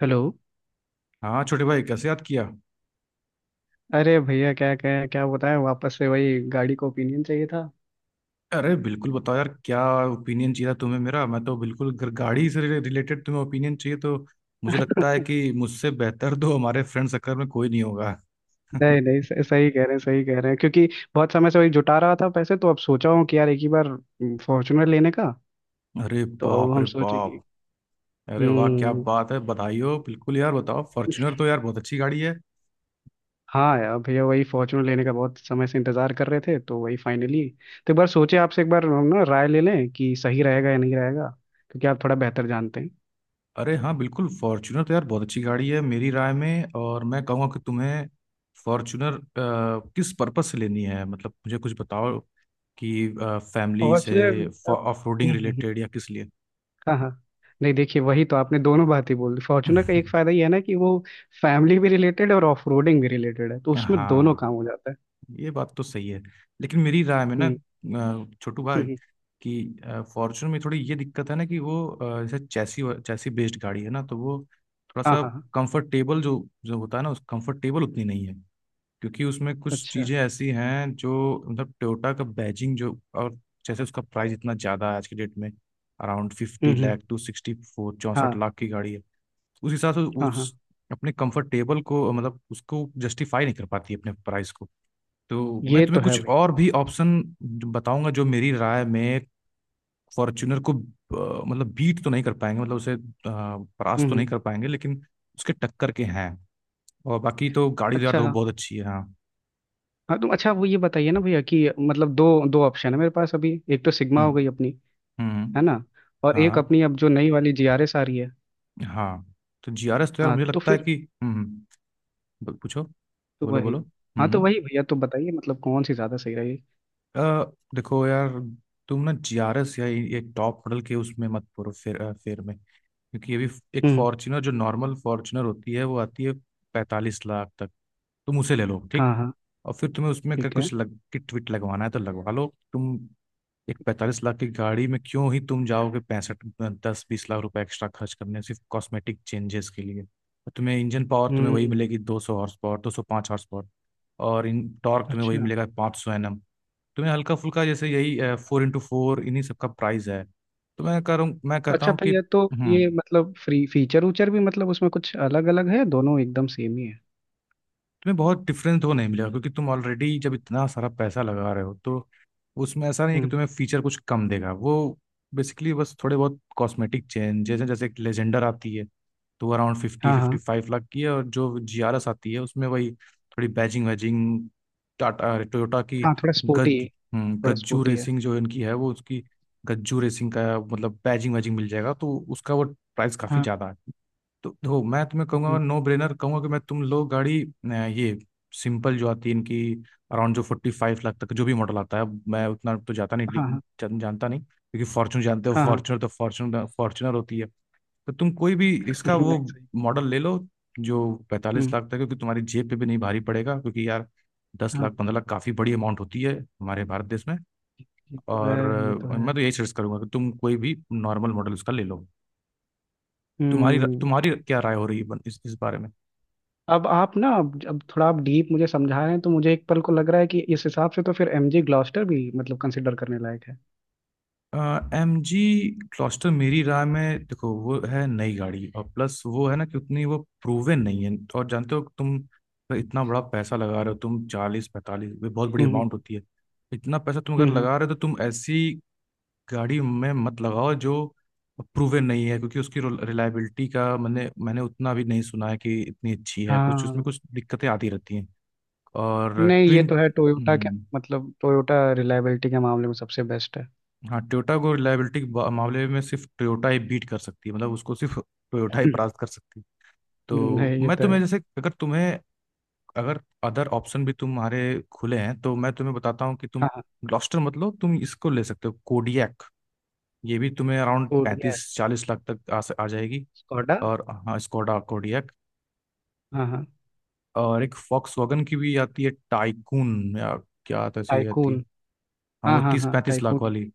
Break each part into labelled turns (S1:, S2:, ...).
S1: Hello.
S2: हाँ छोटे भाई, कैसे याद किया?
S1: अरे भैया, क्या बताया, वापस से वही गाड़ी को ओपिनियन चाहिए था।
S2: अरे बिल्कुल बताओ यार, क्या ओपिनियन चाहिए था तुम्हें मेरा? मैं तो बिल्कुल, अगर गाड़ी से रिलेटेड तुम्हें ओपिनियन चाहिए तो मुझे लगता है कि मुझसे बेहतर तो हमारे फ्रेंड सर्कल में कोई नहीं होगा।
S1: नहीं नहीं, सही सही कह रहे हैं, सही कह रहे हैं, क्योंकि बहुत समय से वही जुटा रहा था पैसे, तो अब सोचा हूँ कि यार एक ही बार फॉर्चुनर लेने का।
S2: अरे
S1: तो अब
S2: बाप
S1: हम
S2: रे
S1: सोचे कि।
S2: बाप। अरे वाह, क्या
S1: हम्म।
S2: बात है, बधाई हो। बिल्कुल यार बताओ, फॉर्च्यूनर तो यार बहुत अच्छी गाड़ी है।
S1: हाँ यार भैया, वही फॉर्चुनर लेने का बहुत समय से इंतजार कर रहे थे, तो वही फाइनली। तो एक बार सोचे आपसे, एक बार हम ना राय ले लें कि सही रहेगा या नहीं रहेगा, क्योंकि आप थोड़ा बेहतर जानते हैं।
S2: अरे हाँ, बिल्कुल फॉर्च्यूनर तो यार बहुत अच्छी गाड़ी है मेरी राय में। और मैं कहूँगा कि तुम्हें फॉर्च्यूनर किस पर्पस से लेनी है, मतलब मुझे कुछ बताओ कि फैमिली
S1: फॉर्चुनर।
S2: से,
S1: अब।
S2: ऑफ रोडिंग
S1: हम्म।
S2: रिलेटेड या किस लिए।
S1: हाँ हाँ। नहीं, देखिए, वही तो आपने दोनों बात ही बोल दी। फॉर्चुनर का एक फायदा ये है ना कि वो फैमिली भी रिलेटेड है और ऑफ रोडिंग भी रिलेटेड है, तो उसमें दोनों
S2: हाँ,
S1: काम हो जाता है।
S2: ये बात तो सही है। लेकिन मेरी राय में ना,
S1: हम्म
S2: छोटू भाई,
S1: हम्म। हम्म।
S2: कि फॉर्च्यूनर में थोड़ी ये दिक्कत है ना कि वो जैसे चैसी चैसी बेस्ड गाड़ी है ना, तो वो थोड़ा
S1: हाँ
S2: सा
S1: हाँ हाँ।
S2: कंफर्टेबल जो जो होता है ना, उस कंफर्टेबल उतनी नहीं है। क्योंकि उसमें कुछ
S1: अच्छा।
S2: चीजें ऐसी हैं जो, मतलब टोयोटा का बैजिंग जो, और जैसे उसका प्राइस इतना ज्यादा है आज के डेट में, around fifty
S1: hmm.
S2: Lakh to 64 चौंसठ
S1: हाँ
S2: लाख की गाड़ी है। उस हिसाब से
S1: हाँ
S2: उस
S1: हाँ।
S2: अपने कंफर्टेबल को, मतलब उसको जस्टिफाई नहीं कर पाती अपने प्राइस को। तो मैं
S1: ये
S2: तुम्हें
S1: तो है
S2: कुछ
S1: भाई।
S2: और भी ऑप्शन बताऊंगा जो मेरी राय में फॉर्च्यूनर को मतलब बीट तो नहीं कर पाएंगे, मतलब उसे परास्त तो नहीं
S1: हम्म।
S2: कर पाएंगे, लेकिन उसके टक्कर के हैं। और बाकी तो गाड़ी तो यार तो
S1: अच्छा।
S2: बहुत अच्छी है। हाँ।
S1: हाँ, तुम, अच्छा वो ये बताइए ना भैया, कि मतलब दो दो ऑप्शन है मेरे पास अभी। एक तो सिग्मा हो
S2: हम्म
S1: गई अपनी,
S2: हम्म।
S1: है ना। और एक
S2: हाँ
S1: अपनी अब जो नई वाली GRS आ रही है।
S2: हाँ। तो GRS तो यार
S1: हाँ
S2: मुझे
S1: तो
S2: लगता है
S1: फिर,
S2: कि, हम्म हम्म, पूछो,
S1: तो
S2: बोलो
S1: वही।
S2: बोलो।
S1: हाँ
S2: हम्म
S1: तो
S2: हम्म।
S1: वही भैया, तो बताइए मतलब कौन सी ज़्यादा सही रहेगी।
S2: अ, देखो यार, तुम ना GRS या ये टॉप मॉडल के उसमें मत पड़ो, फेर में, क्योंकि ये भी, एक
S1: हम्म।
S2: फॉर्च्यूनर जो नॉर्मल फॉर्च्यूनर होती है वो आती है 45 लाख तक, तुम उसे ले लो, ठीक।
S1: हाँ हाँ।
S2: और फिर तुम्हें उसमें अगर
S1: ठीक है।
S2: कुछ लग किट विट लगवाना है तो लगवा लो। तुम एक 45 लाख की गाड़ी में क्यों ही तुम जाओगे पैंसठ, 10-20 लाख रुपए एक्स्ट्रा खर्च करने सिर्फ कॉस्मेटिक चेंजेस के लिए? और तुम्हें इंजन पावर तुम्हें वही
S1: हम्म।
S2: मिलेगी, 200 हॉर्स पावर, 205 हॉर्स पावर। और इन टॉर्क तुम्हें वही
S1: अच्छा।
S2: मिलेगा, 500 NM। तुम्हें हल्का फुल्का, जैसे यही 4x4, इन्हीं सबका प्राइस है। तो मैं कह रहा हूँ, मैं कहता
S1: अच्छा
S2: हूँ कि,
S1: भैया, तो ये
S2: हम्म,
S1: मतलब फ्री फीचर उचर भी, मतलब उसमें कुछ अलग अलग है, दोनों एकदम सेम ही है।
S2: तुम्हें बहुत डिफरेंस तो नहीं मिलेगा क्योंकि तुम ऑलरेडी जब इतना सारा पैसा लगा रहे हो तो उसमें ऐसा नहीं है कि
S1: हम्म।
S2: तुम्हें फीचर कुछ कम देगा वो, बेसिकली बस थोड़े बहुत कॉस्मेटिक चेंजेस हैं। जैसे एक लेजेंडर आती है तो अराउंड फिफ्टी
S1: हाँ
S2: फिफ्टी
S1: हाँ
S2: फाइव लाख की है, और जो GRS आती है उसमें वही थोड़ी बैजिंग वैजिंग, टाटा टोयोटा की,
S1: हाँ। थोड़ा स्पोर्टी
S2: गज,
S1: है, थोड़ा
S2: गज्जू
S1: स्पोर्टी है।
S2: रेसिंग जो इनकी है वो उसकी, गज्जू रेसिंग का मतलब बैजिंग वैजिंग मिल जाएगा, तो उसका वो प्राइस काफ़ी
S1: हाँ।
S2: ज़्यादा है। तो देखो मैं तुम्हें कहूंगा,
S1: हम्म।
S2: नो ब्रेनर कहूंगा कि, मैं तुम लोग गाड़ी ये सिंपल जो आती है इनकी अराउंड जो 45 लाख तक जो भी मॉडल आता है, मैं उतना तो जाता नहीं
S1: हाँ हाँ
S2: जानता नहीं, क्योंकि फॉर्च्यून जानते हो,
S1: हाँ हाँ।
S2: फॉर्च्यूनर तो फॉर्च्यूनर फॉर्च्यूनर होती है। तो तुम कोई भी इसका वो
S1: नहीं सही।
S2: मॉडल ले लो जो पैंतालीस
S1: हम्म।
S2: लाख तक है, क्योंकि तुम्हारी जेब पे भी नहीं भारी पड़ेगा। क्योंकि यार दस
S1: हाँ।
S2: लाख पंद्रह लाख काफ़ी बड़ी अमाउंट होती है हमारे भारत देश में।
S1: ये तो है,
S2: और
S1: ये तो है।
S2: मैं तो यही सजेस्ट करूंगा कि तुम कोई भी नॉर्मल मॉडल उसका ले लो। तुम्हारी
S1: हम्म।
S2: तुम्हारी क्या राय हो रही है इस बारे में?
S1: अब आप ना, अब थोड़ा आप डीप मुझे समझा रहे हैं, तो मुझे एक पल को लग रहा है कि इस हिसाब से तो फिर MG ग्लॉस्टर भी मतलब कंसिडर करने लायक है।
S2: MG क्लॉस्टर मेरी राय में, देखो वो है नई गाड़ी, और प्लस वो है ना कि उतनी वो प्रूवन नहीं है। और जानते हो तुम, इतना बड़ा पैसा लगा रहे हो तुम, 40-45, ये बहुत बड़ी
S1: हम्म
S2: अमाउंट होती है। इतना पैसा तुम अगर
S1: हम्म।
S2: लगा रहे हो तो तुम ऐसी गाड़ी में मत लगाओ जो प्रूवन नहीं है, क्योंकि उसकी रिलायबिलिटी का मैंने मैंने उतना भी नहीं सुना है कि इतनी अच्छी है, कुछ उसमें
S1: हाँ।
S2: कुछ दिक्कतें आती रहती हैं। और
S1: नहीं, ये
S2: ट्विन,
S1: तो है टोयोटा के, मतलब टोयोटा रिलायबिलिटी के मामले में सबसे बेस्ट
S2: हाँ, टोयोटा को रिलायबिलिटी के मामले में सिर्फ टोयोटा ही बीट कर सकती है, मतलब उसको सिर्फ
S1: है।
S2: टोयोटा ही परास्त कर सकती है। तो
S1: नहीं ये
S2: मैं
S1: तो है।
S2: तुम्हें, जैसे अगर तुम्हें, अगर अदर ऑप्शन भी तुम्हारे खुले हैं तो मैं तुम्हें बताता हूँ कि तुम
S1: हाँ हाँ।
S2: ग्लॉस्टर, मतलब तुम इसको ले सकते हो, कोडियक, ये भी तुम्हें अराउंड
S1: कोड ये है
S2: 35-40 लाख तक आ जाएगी।
S1: स्कोडा।
S2: और हाँ स्कोडा कोडियक,
S1: हाँ हाँ।
S2: और एक फॉक्स वॉगन की भी आती है, टाइकून या क्या, तो ऐसी ही आती है।
S1: टाइकून।
S2: हाँ
S1: हाँ
S2: वो
S1: हाँ
S2: तीस
S1: हाँ,
S2: पैंतीस लाख
S1: टाइकून ही।
S2: वाली।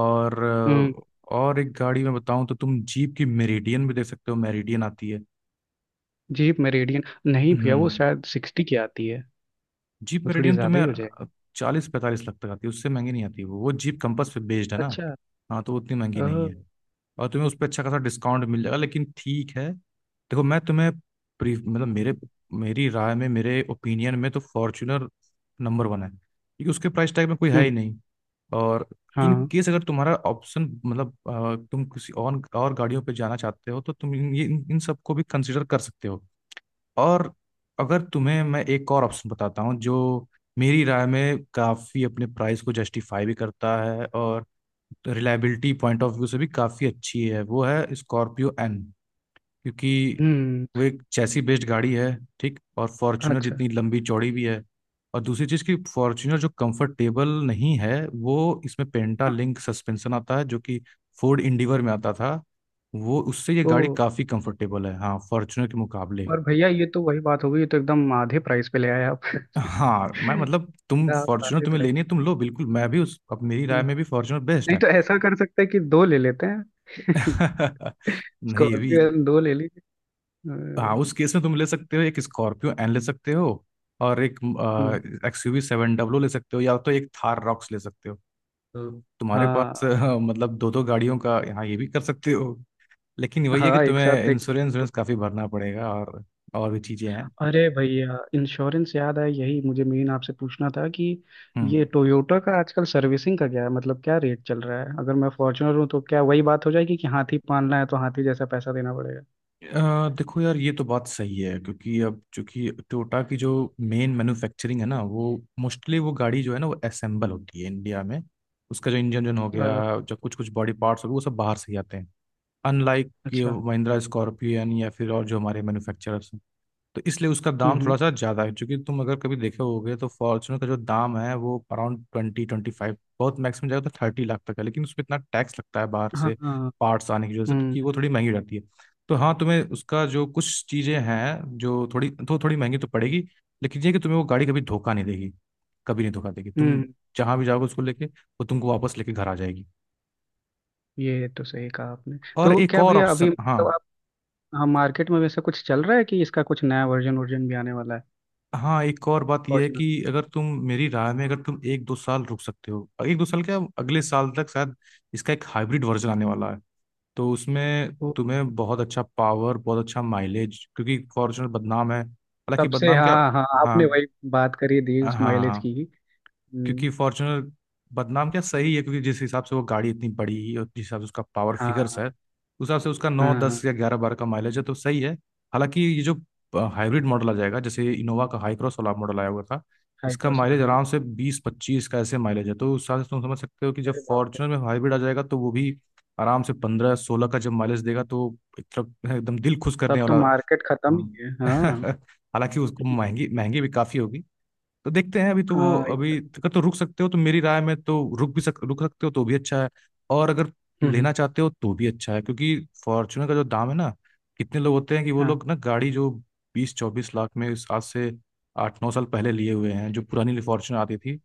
S2: और
S1: हम्म।
S2: और एक गाड़ी में बताऊं तो तुम जीप की मेरिडियन भी देख सकते हो, मेरिडियन आती है।
S1: Jeep Meridian. नहीं भैया, वो
S2: हम्म।
S1: शायद 60 की आती है।
S2: जीप
S1: वो थोड़ी
S2: मेरिडियन
S1: ज्यादा
S2: तुम्हें
S1: ही हो जाएगी।
S2: 40-45 लाख तक आती है, उससे महंगी नहीं आती वो जीप कंपास पे बेस्ड है ना।
S1: अच्छा।
S2: हाँ तो वो उतनी महंगी
S1: ओ।
S2: नहीं है, और तुम्हें उस पर अच्छा खासा डिस्काउंट मिल जाएगा। लेकिन ठीक है, देखो मैं तुम्हें, प्री, मतलब मेरे, मेरी राय में, मेरे ओपिनियन में तो फॉर्च्यूनर नंबर वन है, क्योंकि उसके प्राइस टैग में कोई है ही
S1: हम्म।
S2: नहीं। और इन
S1: हाँ।
S2: केस अगर तुम्हारा ऑप्शन, मतलब तुम किसी और गाड़ियों पे जाना चाहते हो तो तुम इन इन सबको भी कंसिडर कर सकते हो। और अगर तुम्हें, मैं एक और ऑप्शन बताता हूँ जो मेरी राय में काफ़ी अपने प्राइस को जस्टिफाई भी करता है और रिलायबिलिटी पॉइंट ऑफ व्यू से भी काफ़ी अच्छी है, वो है स्कॉर्पियो एन। क्योंकि
S1: हम्म।
S2: वो एक चैसी बेस्ड गाड़ी है, ठीक, और फॉर्च्यूनर
S1: अच्छा।
S2: जितनी लंबी चौड़ी भी है। और दूसरी चीज़ कि फॉर्च्यूनर जो कंफर्टेबल नहीं है, वो इसमें पेंटा
S1: हाँ।
S2: लिंक सस्पेंशन आता है जो कि फोर्ड इंडिवर में आता था, वो उससे ये
S1: ओ।
S2: गाड़ी काफ़ी कंफर्टेबल है हाँ, फॉर्च्यूनर के मुकाबले।
S1: पर भैया, ये तो वही बात हो गई, ये तो एकदम आधे प्राइस पे ले आए आप।
S2: हाँ, मैं मतलब तुम
S1: आप
S2: फॉर्च्यूनर
S1: आधे
S2: तुम्हें
S1: प्राइस
S2: लेनी है तुम
S1: पे।
S2: लो बिल्कुल, मैं भी उस, अब मेरी राय
S1: हम्म।
S2: में भी फॉर्च्यूनर बेस्ट
S1: नहीं
S2: है।
S1: तो ऐसा कर सकते हैं कि दो ले लेते हैं।
S2: नहीं ये भी,
S1: स्कॉर्पियो दो ले लीजिए।
S2: हाँ
S1: अ,
S2: उस केस में तुम ले सकते हो, एक स्कॉर्पियो एन ले सकते हो और एक
S1: हम्म।
S2: XUV 700 ले सकते हो, या तो एक थार रॉक्स ले सकते हो। तो तुम्हारे पास
S1: हाँ
S2: मतलब दो दो गाड़ियों का, यहाँ ये भी कर सकते हो। लेकिन वही है कि
S1: हाँ, एक साथ
S2: तुम्हें
S1: देख
S2: इंश्योरेंस
S1: लो।
S2: इंश्योरेंस काफी भरना पड़ेगा, और भी चीजें हैं।
S1: अरे भैया, इंश्योरेंस याद आया, यही मुझे मेन आपसे पूछना था कि
S2: हम्म।
S1: ये टोयोटा का आजकल सर्विसिंग का क्या है, मतलब क्या रेट चल रहा है, अगर मैं फॉर्च्यूनर हूँ तो क्या वही बात हो जाएगी कि हाथी पालना है तो हाथी जैसा पैसा देना पड़ेगा।
S2: देखो यार, ये तो बात सही है, क्योंकि अब चूंकि टोयोटा की जो मेन मैन्युफैक्चरिंग है ना, वो मोस्टली वो गाड़ी जो है ना वो असेंबल होती है इंडिया में। उसका जो इंजन जो हो गया,
S1: अ,
S2: जो कुछ कुछ बॉडी पार्ट्स हो गए, वो सब बाहर से ही आते हैं, अनलाइक ये
S1: अच्छा।
S2: महिंद्रा स्कॉर्पियन या फिर और जो हमारे मैन्युफैक्चरर्स। तो इसलिए उसका दाम
S1: हम्म।
S2: थोड़ा सा ज्यादा है, क्योंकि तुम अगर कभी देखे होगे तो फॉर्चुनर का जो दाम है वो अराउंड 20-25, बहुत मैक्सिमम जाएगा तो 30 लाख तक है। लेकिन उसमें इतना टैक्स लगता है बाहर
S1: हाँ
S2: से
S1: हाँ।
S2: पार्ट्स आने की वजह से, तो
S1: हम्म
S2: कि वो थोड़ी महंगी हो जाती है। तो हाँ तुम्हें उसका जो कुछ चीजें हैं जो थोड़ी महंगी तो पड़ेगी। लेकिन ये कि तुम्हें वो गाड़ी कभी धोखा नहीं देगी, कभी नहीं धोखा देगी तुम,
S1: हम्म।
S2: जहां भी जाओगे उसको लेके वो तुमको वापस लेके घर आ जाएगी।
S1: ये तो सही कहा आपने,
S2: और
S1: तो
S2: एक
S1: क्या
S2: और
S1: भैया, अभी
S2: ऑप्शन, हाँ,
S1: मतलब आप, हाँ, मार्केट में वैसा कुछ चल रहा है कि इसका कुछ नया वर्जन वर्जन भी आने वाला है,
S2: हाँ एक और बात यह है
S1: फॉर्च्यूनर
S2: कि
S1: का?
S2: अगर तुम, मेरी राय में अगर तुम 1-2 साल रुक सकते हो, 1-2 साल क्या, अगले साल तक शायद इसका एक हाइब्रिड वर्जन आने वाला है। तो उसमें
S1: तो
S2: तुम्हें बहुत अच्छा पावर, बहुत अच्छा माइलेज, क्योंकि फॉर्च्यूनर बदनाम है, हालांकि
S1: सबसे,
S2: बदनाम क्या,
S1: हाँ हाँ,
S2: हाँ
S1: आपने वही बात करी दी
S2: हाँ
S1: उस
S2: हाँ।
S1: माइलेज
S2: हाँ।
S1: की।
S2: क्योंकि
S1: हम्म।
S2: फॉर्च्यूनर बदनाम क्या, सही है, क्योंकि जिस हिसाब से वो गाड़ी इतनी बड़ी और जिस हिसाब से उसका पावर
S1: हाँ
S2: फिगर्स
S1: हाँ
S2: है, उस हिसाब से उसका नौ
S1: हाँ
S2: दस
S1: हाँ।
S2: या 11-12 का माइलेज है तो सही है। हालांकि ये जो हाइब्रिड मॉडल आ जाएगा, जैसे इनोवा का हाई क्रॉस वाला मॉडल आया हुआ था, इसका
S1: हाइड्रोस,
S2: माइलेज
S1: हाँ।
S2: आराम से 20-25 का ऐसे माइलेज है। तो उस हिसाब से तुम समझ सकते हो कि जब
S1: अरे बाप रे।
S2: फॉर्च्यूनर में हाइब्रिड आ जाएगा तो वो भी आराम से 15-16 का जब माइलेज देगा तो एक तरफ एकदम दिल खुश करने
S1: तब तो
S2: वाला।
S1: मार्केट खत्म ही है, हाँ।
S2: हाँ। हालांकि उसको महंगी महंगी भी काफी होगी। तो देखते हैं अभी तो वो,
S1: हाँ।
S2: अभी अगर तो रुक सकते हो तो मेरी राय में तो रुक भी सक रुक सकते हो तो भी अच्छा है। और अगर
S1: हम्म।
S2: लेना चाहते हो तो भी अच्छा है, क्योंकि फॉर्च्यूनर का जो दाम है ना, कितने लोग होते हैं कि वो
S1: हाँ
S2: लोग ना गाड़ी जो 20-24 लाख में, इस आज से 8-9 साल पहले लिए हुए हैं, जो पुरानी फॉर्च्यूनर आती थी,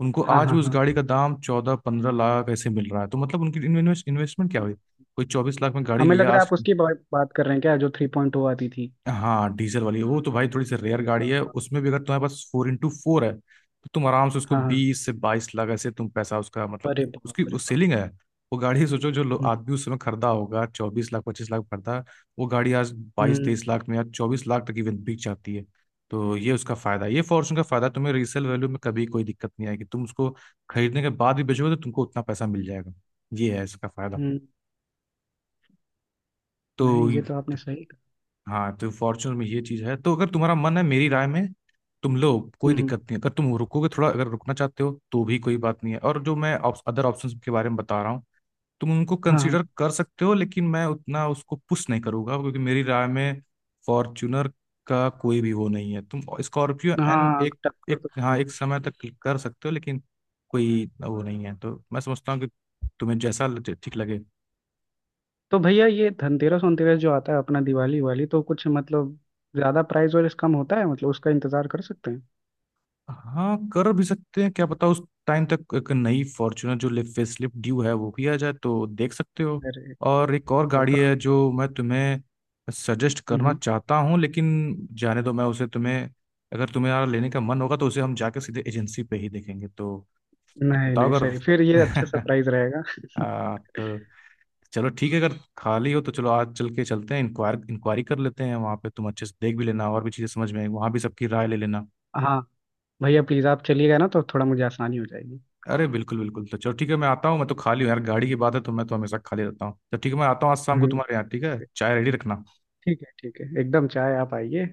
S2: उनको
S1: हाँ
S2: आज
S1: हाँ
S2: भी उस
S1: हाँ।
S2: गाड़ी का दाम 14-15 लाख ऐसे मिल रहा है, तो मतलब उनकी इन्वेस्टमेंट क्या
S1: हम्म।
S2: हुई। कोई 24 लाख में गाड़ी
S1: हमें लग
S2: लिया
S1: रहा है
S2: आज।
S1: आप उसकी बात कर रहे हैं, क्या जो 3.2 आती थी?
S2: हाँ डीजल वाली, वो तो भाई थोड़ी सी रेयर
S1: हाँ
S2: गाड़ी है,
S1: हाँ
S2: उसमें भी अगर तुम्हारे पास 4x4 है तो तुम आराम से उसको
S1: हाँ हाँ।
S2: 20 से 22 लाख ऐसे, तुम पैसा उसका,
S1: अरे
S2: मतलब उसकी
S1: बाप रे
S2: उस
S1: बाप।
S2: सेलिंग है। वो गाड़ी सोचो जो
S1: हम्म
S2: आदमी उस समय खरीदा होगा 24-25 लाख खरीदा, वो गाड़ी आज बाईस
S1: हम्म
S2: तेईस लाख में या 24 लाख तक इवन बिक जाती है। तो ये उसका फायदा है, ये फॉर्च्यून का फायदा है, तुम्हें रीसेल वैल्यू में कभी कोई दिक्कत नहीं आएगी। तुम उसको खरीदने के बाद भी बेचोगे तो तुमको उतना पैसा मिल जाएगा, ये है इसका फायदा।
S1: हम्म।
S2: तो
S1: नहीं, ये तो आपने सही कहा।
S2: हाँ तो फॉर्च्यूनर में ये चीज है, तो अगर तुम्हारा मन है मेरी राय में तुम लो, कोई दिक्कत
S1: हम्म।
S2: नहीं है। अगर तुम रुकोगे थोड़ा, अगर रुकना चाहते हो तो भी कोई बात नहीं है। और जो मैं अदर ऑप्शंस के बारे में बता रहा हूँ, तुम उनको
S1: हाँ
S2: कंसीडर कर सकते हो, लेकिन मैं उतना उसको पुश नहीं करूंगा क्योंकि मेरी राय में फॉर्च्यूनर का कोई भी वो नहीं है। तुम स्कॉर्पियो
S1: हाँ
S2: एंड,
S1: हाँ,
S2: एक
S1: टक्कर
S2: एक
S1: तो।
S2: हाँ एक समय तक कर सकते हो, लेकिन कोई वो नहीं है। तो मैं समझता हूँ कि तुम्हें जैसा ठीक लगे।
S1: तो भैया, ये धनतेरस वनतेरस जो आता है अपना, दिवाली वाली, तो कुछ मतलब ज्यादा प्राइस और इस कम होता है, मतलब उसका इंतजार कर सकते हैं?
S2: हाँ कर भी सकते हैं, क्या पता उस टाइम तक एक नई फॉर्च्यूनर जो फेसलिफ्ट ड्यू है वो भी आ जाए तो देख सकते हो।
S1: अरे।
S2: और एक और
S1: ये
S2: गाड़ी
S1: तो।
S2: है जो मैं तुम्हें सजेस्ट करना
S1: हम्म।
S2: चाहता हूँ, लेकिन जाने दो, मैं उसे तुम्हें, अगर तुम्हें यार लेने का मन होगा तो उसे हम जाके सीधे एजेंसी पे ही देखेंगे तो
S1: नहीं
S2: बताओ
S1: नहीं,
S2: अगर
S1: सही। फिर ये अच्छा सरप्राइज रहेगा।
S2: तो चलो ठीक है, अगर खाली हो तो चलो आज चल के चलते हैं, इंक्वायर इंक्वायरी कर लेते हैं वहाँ पे, तुम अच्छे से देख भी लेना और भी चीज़ें समझ में आएंगी, वहाँ भी सबकी राय ले लेना।
S1: हाँ। भैया प्लीज, आप चलिएगा ना तो थोड़ा मुझे आसानी हो जाएगी।
S2: अरे बिल्कुल बिल्कुल, तो चलो ठीक है मैं आता हूँ, मैं तो खाली हूँ यार, गाड़ी की बात है तो मैं तो हमेशा खाली रहता हूँ। तो ठीक है मैं आता हूँ आज शाम को
S1: हम्म।
S2: तुम्हारे यहाँ, ठीक है, चाय रेडी रखना।
S1: ठीक है ठीक है, एकदम चाहे आप आइए।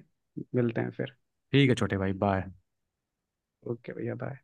S1: मिलते हैं फिर।
S2: ठीक है छोटे भाई, बाय।
S1: ओके भैया, बाय।